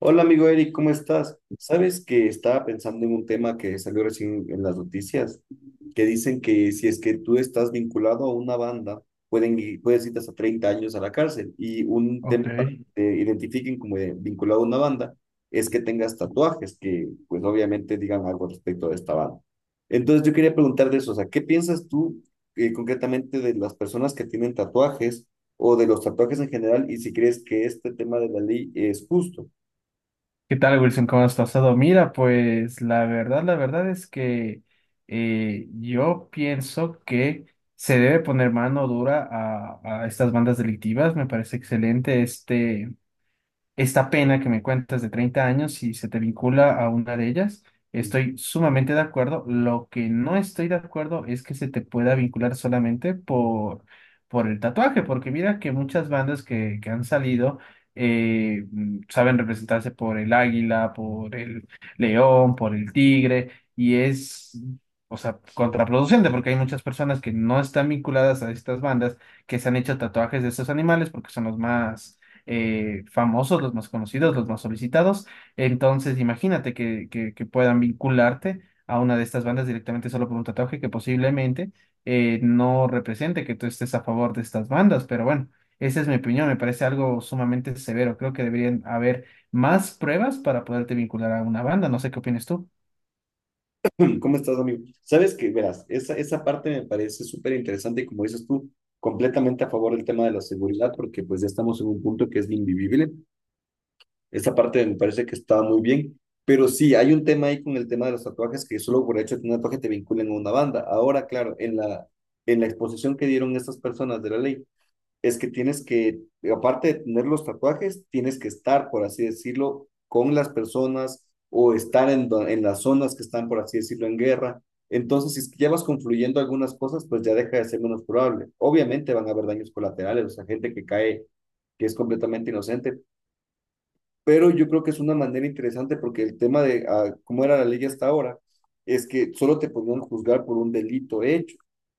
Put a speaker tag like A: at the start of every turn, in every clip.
A: Hola amigo Eric, ¿cómo estás? Sabes que estaba pensando en un tema que salió recién en las noticias, que dicen que si es que tú estás vinculado a una banda, puedes ir hasta 30 años a la cárcel. Y un tema
B: Ok.
A: para que te identifiquen como vinculado a una banda es que tengas tatuajes que pues obviamente digan algo respecto de esta banda. Entonces yo quería preguntar de eso, o sea, ¿qué piensas tú concretamente de las personas que tienen tatuajes o de los tatuajes en general y si crees que este tema de la ley es justo?
B: ¿Qué tal, Wilson? ¿Cómo has pasado? Mira, pues la verdad es que yo pienso que se debe poner mano dura a estas bandas delictivas. Me parece excelente esta pena que me cuentas de 30 años, si se te vincula a una de ellas, estoy sumamente de acuerdo. Lo que no estoy de acuerdo es que se te pueda vincular solamente por el tatuaje, porque mira que muchas bandas que han salido saben representarse por el águila, por el león, por el tigre, y o sea, contraproducente, porque hay muchas personas que no están vinculadas a estas bandas que se han hecho tatuajes de estos animales porque son los más famosos, los más conocidos, los más solicitados. Entonces, imagínate que puedan vincularte a una de estas bandas directamente solo por un tatuaje que posiblemente no represente que tú estés a favor de estas bandas, pero bueno. Esa es mi opinión, me parece algo sumamente severo. Creo que deberían haber más pruebas para poderte vincular a una banda. No sé qué opinas tú.
A: ¿Cómo estás, amigo? Sabes que, verás, esa parte me parece súper interesante y como dices tú, completamente a favor del tema de la seguridad, porque pues ya estamos en un punto que es invivible. Esa parte me parece que está muy bien, pero sí, hay un tema ahí con el tema de los tatuajes que solo por el hecho de tener un tatuaje te vinculan a una banda. Ahora, claro, en la exposición que dieron estas personas de la ley, es que tienes que, aparte de tener los tatuajes, tienes que estar, por así decirlo, con las personas o estar en las zonas que están, por así decirlo, en guerra. Entonces, si es que ya vas confluyendo algunas cosas, pues ya deja de ser menos probable. Obviamente van a haber daños colaterales, o sea, gente que cae, que es completamente inocente, pero yo creo que es una manera interesante porque el tema de ah, cómo era la ley hasta ahora es que solo te podían juzgar por un delito hecho.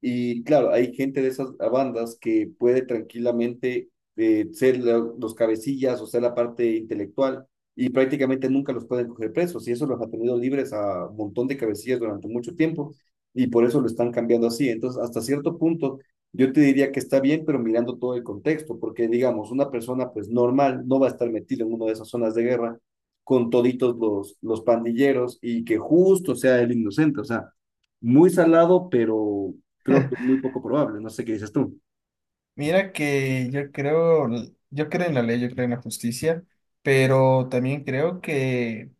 A: Y claro, hay gente de esas bandas que puede tranquilamente los cabecillas o ser la parte intelectual y prácticamente nunca los pueden coger presos y eso los ha tenido libres a un montón de cabecillas durante mucho tiempo y por eso lo están cambiando así. Entonces, hasta cierto punto yo te diría que está bien, pero mirando todo el contexto, porque digamos, una persona pues normal no va a estar metida en una de esas zonas de guerra con toditos los pandilleros y que justo sea el inocente, o sea, muy salado, pero creo que es muy poco probable, no sé qué dices tú.
B: Mira que yo creo en la ley, yo creo en la justicia, pero también creo que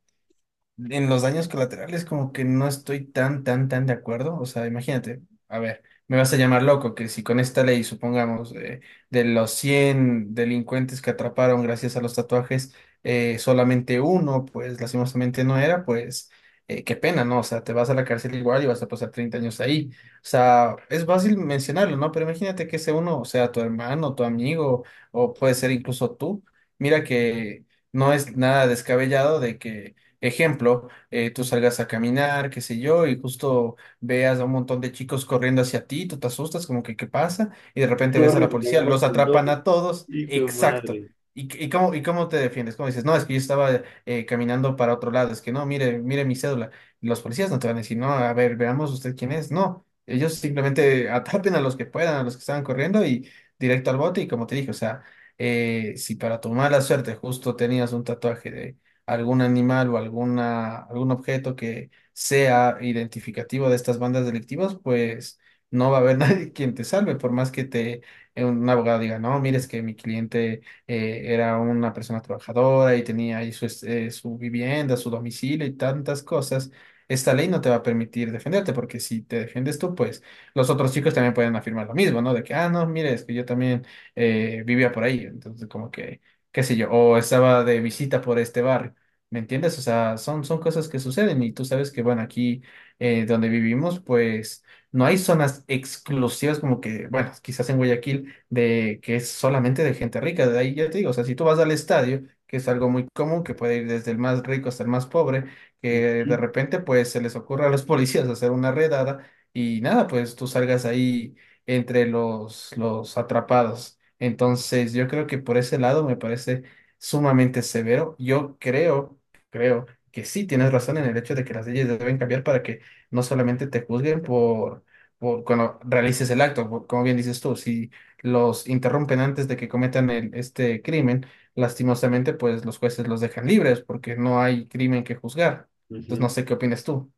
B: en los daños colaterales como que no estoy tan, tan, tan de acuerdo. O sea, imagínate, a ver, me vas a llamar loco que si con esta ley, supongamos, de los 100 delincuentes que atraparon gracias a los tatuajes, solamente uno, pues lastimosamente no era, pues qué pena, ¿no? O sea, te vas a la cárcel igual y vas a pasar 30 años ahí. O sea, es fácil mencionarlo, ¿no? Pero imagínate que ese uno sea tu hermano, tu amigo, o puede ser incluso tú. Mira que no es nada descabellado de que. Ejemplo, tú salgas a caminar, qué sé yo, y justo veas a un montón de chicos corriendo hacia ti, tú te asustas, como que qué pasa, y de repente ves a
A: Corre,
B: la
A: si te
B: policía,
A: agarran
B: los
A: con todo.
B: atrapan a todos,
A: Hijo de
B: exacto.
A: madre.
B: ¿Y, y cómo te defiendes? ¿Cómo dices? No, es que yo estaba caminando para otro lado, es que no, mire, mire mi cédula. Los policías no te van a decir, no, a ver, veamos usted quién es. No, ellos simplemente atrapen a los que puedan, a los que estaban corriendo y directo al bote, y como te dije, o sea, si para tu mala suerte justo tenías un tatuaje algún animal algún objeto que sea identificativo de estas bandas delictivas, pues no va a haber nadie quien te salve, por más que te un abogado diga, no, mires que mi cliente era una persona trabajadora y tenía ahí su vivienda, su domicilio y tantas cosas. Esta ley no te va a permitir defenderte, porque si te defiendes tú, pues los otros chicos también pueden afirmar lo mismo, ¿no? De que, ah, no, mire, es que yo también vivía por ahí. Entonces, como que, qué sé yo, o estaba de visita por este barrio. ¿Me entiendes? O sea, son cosas que suceden y tú sabes que, bueno, aquí donde vivimos, pues no hay zonas exclusivas como que, bueno, quizás en Guayaquil, de que es solamente de gente rica. De ahí ya te digo, o sea, si tú vas al estadio, que es algo muy común, que puede ir desde el más rico hasta el más pobre, que
A: Ujú,
B: de repente, pues se les ocurre a los policías hacer una redada y nada, pues tú salgas ahí entre los atrapados. Entonces, yo creo que por ese lado me parece sumamente severo. Yo creo que sí tienes razón en el hecho de que las leyes deben cambiar para que no solamente te juzguen por cuando realices el acto, por- como bien dices tú, si los interrumpen antes de que cometan este crimen, lastimosamente pues los jueces los dejan libres porque no hay crimen que juzgar. Entonces no
A: ujú.
B: sé qué opinas tú.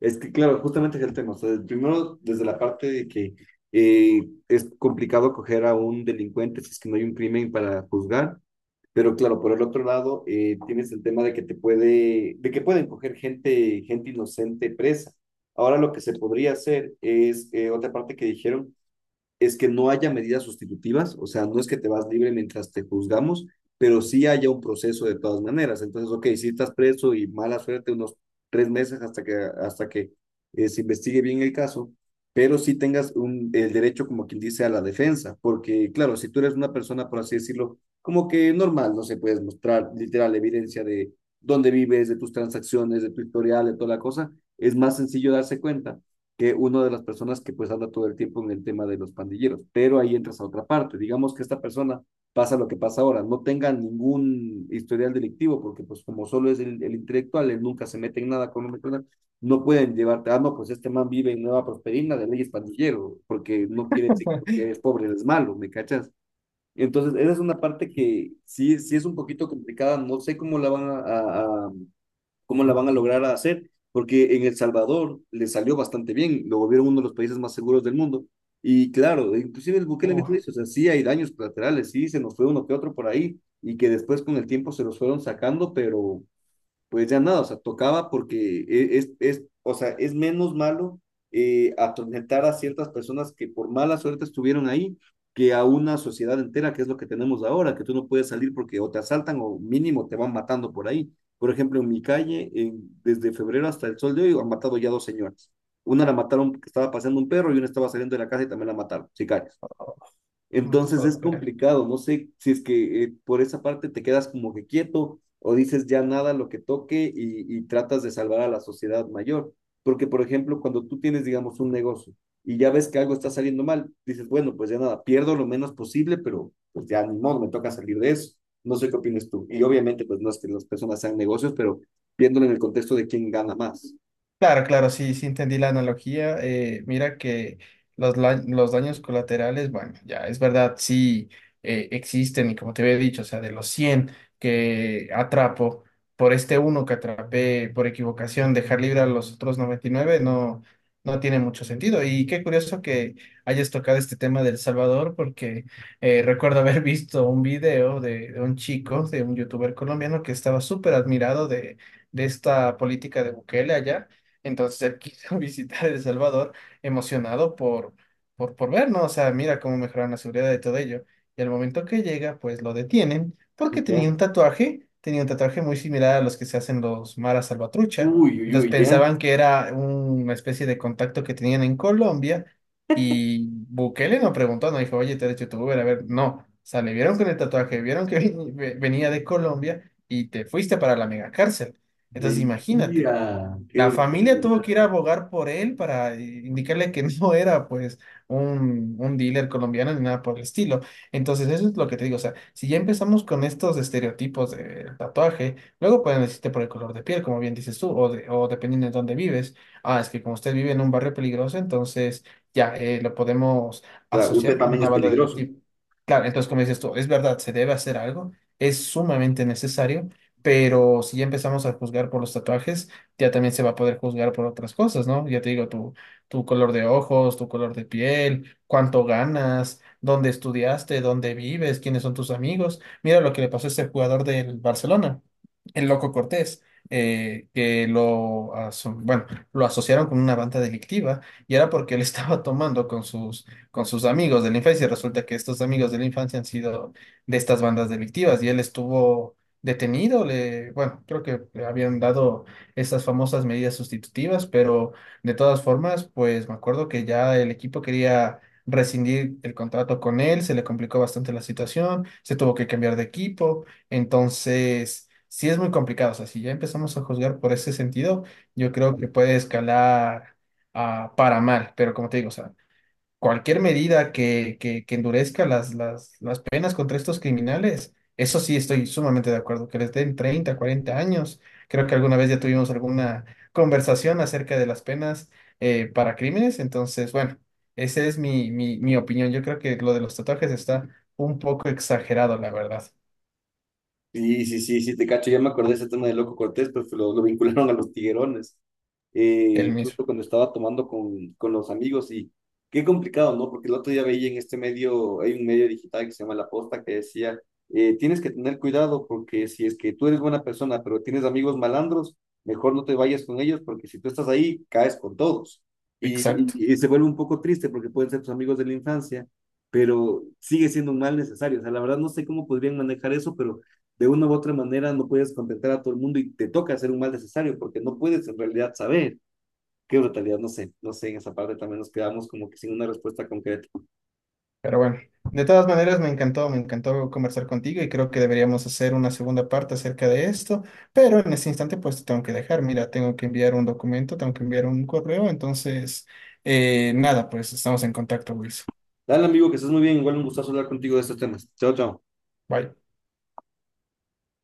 A: Es que, claro, justamente es el tema. O sea, primero, desde la parte de que es complicado coger a un delincuente si es que no hay un crimen para juzgar. Pero claro, por el otro lado, tienes el tema de que te puede, de que pueden coger gente, gente inocente presa. Ahora lo que se podría hacer es otra parte que dijeron, es que no haya medidas sustitutivas, o sea, no es que te vas libre mientras te juzgamos, pero sí haya un proceso de todas maneras. Entonces, ok, si estás preso y mala suerte unos 3 meses hasta que se investigue bien el caso, pero sí tengas un, el derecho, como quien dice, a la defensa, porque claro, si tú eres una persona, por así decirlo, como que normal, no se puedes mostrar literal evidencia de dónde vives, de tus transacciones, de tu historial, de toda la cosa, es más sencillo darse cuenta que una de las personas que pues habla todo el tiempo en el tema de los pandilleros, pero ahí entras a otra parte, digamos que esta persona pasa lo que pasa ahora, no tenga ningún historial delictivo, porque pues como solo es el intelectual, él nunca se mete en nada con un criminal, no pueden llevarte, ah, no, pues este man vive en Nueva Prosperina de leyes pandillero, porque no quiere decir que eres pobre, eres malo, ¿me cachas? Entonces, esa es una parte que sí es un poquito complicada, no sé cómo la van a ¿cómo la van a lograr hacer? Porque en El Salvador le salió bastante bien, lo volvieron uno de los países más seguros del mundo. Y claro, inclusive el Bukele mismo
B: Uf,
A: dice, o sea, sí hay daños colaterales, sí se nos fue uno que otro por ahí, y que después con el tiempo se los fueron sacando, pero pues ya nada, o sea, tocaba porque es, o sea, es menos malo atormentar a ciertas personas que por mala suerte estuvieron ahí que a una sociedad entera, que es lo que tenemos ahora, que tú no puedes salir porque o te asaltan o mínimo te van matando por ahí. Por ejemplo, en mi calle, desde febrero hasta el sol de hoy, han matado ya dos señoras. Una la mataron porque estaba paseando un perro y una estaba saliendo de la casa y también la mataron, sicarios.
B: no te
A: Entonces
B: puedo
A: es
B: creer.
A: complicado, no sé si es que por esa parte te quedas como que quieto o dices ya nada lo que toque y tratas de salvar a la sociedad mayor. Porque, por ejemplo, cuando tú tienes, digamos, un negocio y ya ves que algo está saliendo mal, dices, bueno, pues ya nada, pierdo lo menos posible, pero pues ya ni modo, me toca salir de eso. No sé qué opinas tú. Y obviamente, pues no es que las personas sean negocios, pero viéndolo en el contexto de quién gana más.
B: Claro, claro, sí, sí entendí la analogía. Mira que los daños colaterales, bueno, ya es verdad, sí existen y como te había dicho, o sea, de los 100 que atrapo, por este uno que atrapé por equivocación, dejar libre a los otros 99 no, no tiene mucho sentido. Y qué curioso que hayas tocado este tema del Salvador, porque recuerdo haber visto un video de un chico, de un youtuber colombiano que estaba súper admirado de esta política de Bukele allá, entonces él quiso visitar El Salvador emocionado por ver, ¿no? O sea, mira cómo mejoraron la seguridad de todo ello. Y al momento que llega, pues lo detienen porque
A: Ya.
B: tenía un tatuaje muy similar a los que se hacen los maras salvatrucha.
A: Uy, uy,
B: Entonces
A: uy, ya.
B: pensaban que era una especie de contacto que tenían en Colombia y Bukele no preguntó, no dijo, oye, ¿te eres youtuber? A ver, no. O sea, le vieron con el tatuaje, vieron que venía de Colombia y te fuiste para la mega cárcel. Entonces, imagínate.
A: Mentira. Qué
B: La familia tuvo
A: brutalidad.
B: que ir a abogar por él para indicarle que no era pues un dealer colombiano ni nada por el estilo. Entonces eso es lo que te digo, o sea, si ya empezamos con estos estereotipos de tatuaje, luego pueden decirte por el color de piel, como bien dices tú, o dependiendo de dónde vives. Ah, es que como usted vive en un barrio peligroso, entonces ya lo podemos
A: Claro,
B: asociar
A: usted
B: con
A: también
B: una
A: es
B: banda
A: peligroso.
B: delictiva. Claro, entonces como dices tú, es verdad, se debe hacer algo, es sumamente necesario, pero si ya empezamos a juzgar por los tatuajes, ya también se va a poder juzgar por otras cosas, ¿no? Ya te digo, tu color de ojos, tu color de piel, cuánto ganas, dónde estudiaste, dónde vives, quiénes son tus amigos. Mira lo que le pasó a este jugador del Barcelona, el Loco Cortés. Bueno, lo asociaron con una banda delictiva y era porque él estaba tomando con sus amigos de la infancia y resulta que estos amigos de la infancia han sido de estas bandas delictivas y él estuvo detenido, bueno, creo que le habían dado esas famosas medidas sustitutivas, pero de todas formas, pues me acuerdo que ya el equipo quería rescindir el contrato con él, se le complicó bastante la situación, se tuvo que cambiar de equipo, entonces sí es muy complicado, o sea, si ya empezamos a juzgar por ese sentido, yo creo que puede escalar para mal, pero como te digo, o sea, cualquier medida que endurezca las penas contra estos criminales, eso sí estoy sumamente de acuerdo, que les den 30, 40 años. Creo que alguna vez ya tuvimos alguna conversación acerca de las penas para crímenes, entonces, bueno, esa es mi opinión. Yo creo que lo de los tatuajes está un poco exagerado, la verdad,
A: Sí, sí, sí, sí, te cacho. Ya me acordé de ese tema de Loco Cortés, pues lo vincularon a los tiguerones,
B: el mismo.
A: justo cuando estaba tomando con los amigos y qué complicado, ¿no? Porque el otro día veía en este medio, hay un medio digital que se llama La Posta que decía, tienes que tener cuidado porque si es que tú eres buena persona, pero tienes amigos malandros, mejor no te vayas con ellos porque si tú estás ahí, caes con todos. Y,
B: Exacto.
A: y se vuelve un poco triste porque pueden ser tus amigos de la infancia, pero sigue siendo un mal necesario. O sea, la verdad no sé cómo podrían manejar eso, pero de una u otra manera no puedes contentar a todo el mundo y te toca hacer un mal necesario porque no puedes en realidad saber qué brutalidad, no sé, no sé, en esa parte también nos quedamos como que sin una respuesta concreta.
B: Pero bueno, de todas maneras me encantó conversar contigo y creo que deberíamos hacer una segunda parte acerca de esto, pero en este instante pues te tengo que dejar, mira, tengo que enviar un documento, tengo que enviar un correo, entonces, nada, pues estamos en contacto, Wilson.
A: Dale amigo, que estés muy bien, igual un gustazo hablar contigo de estos temas. Chao, chao.
B: Bye.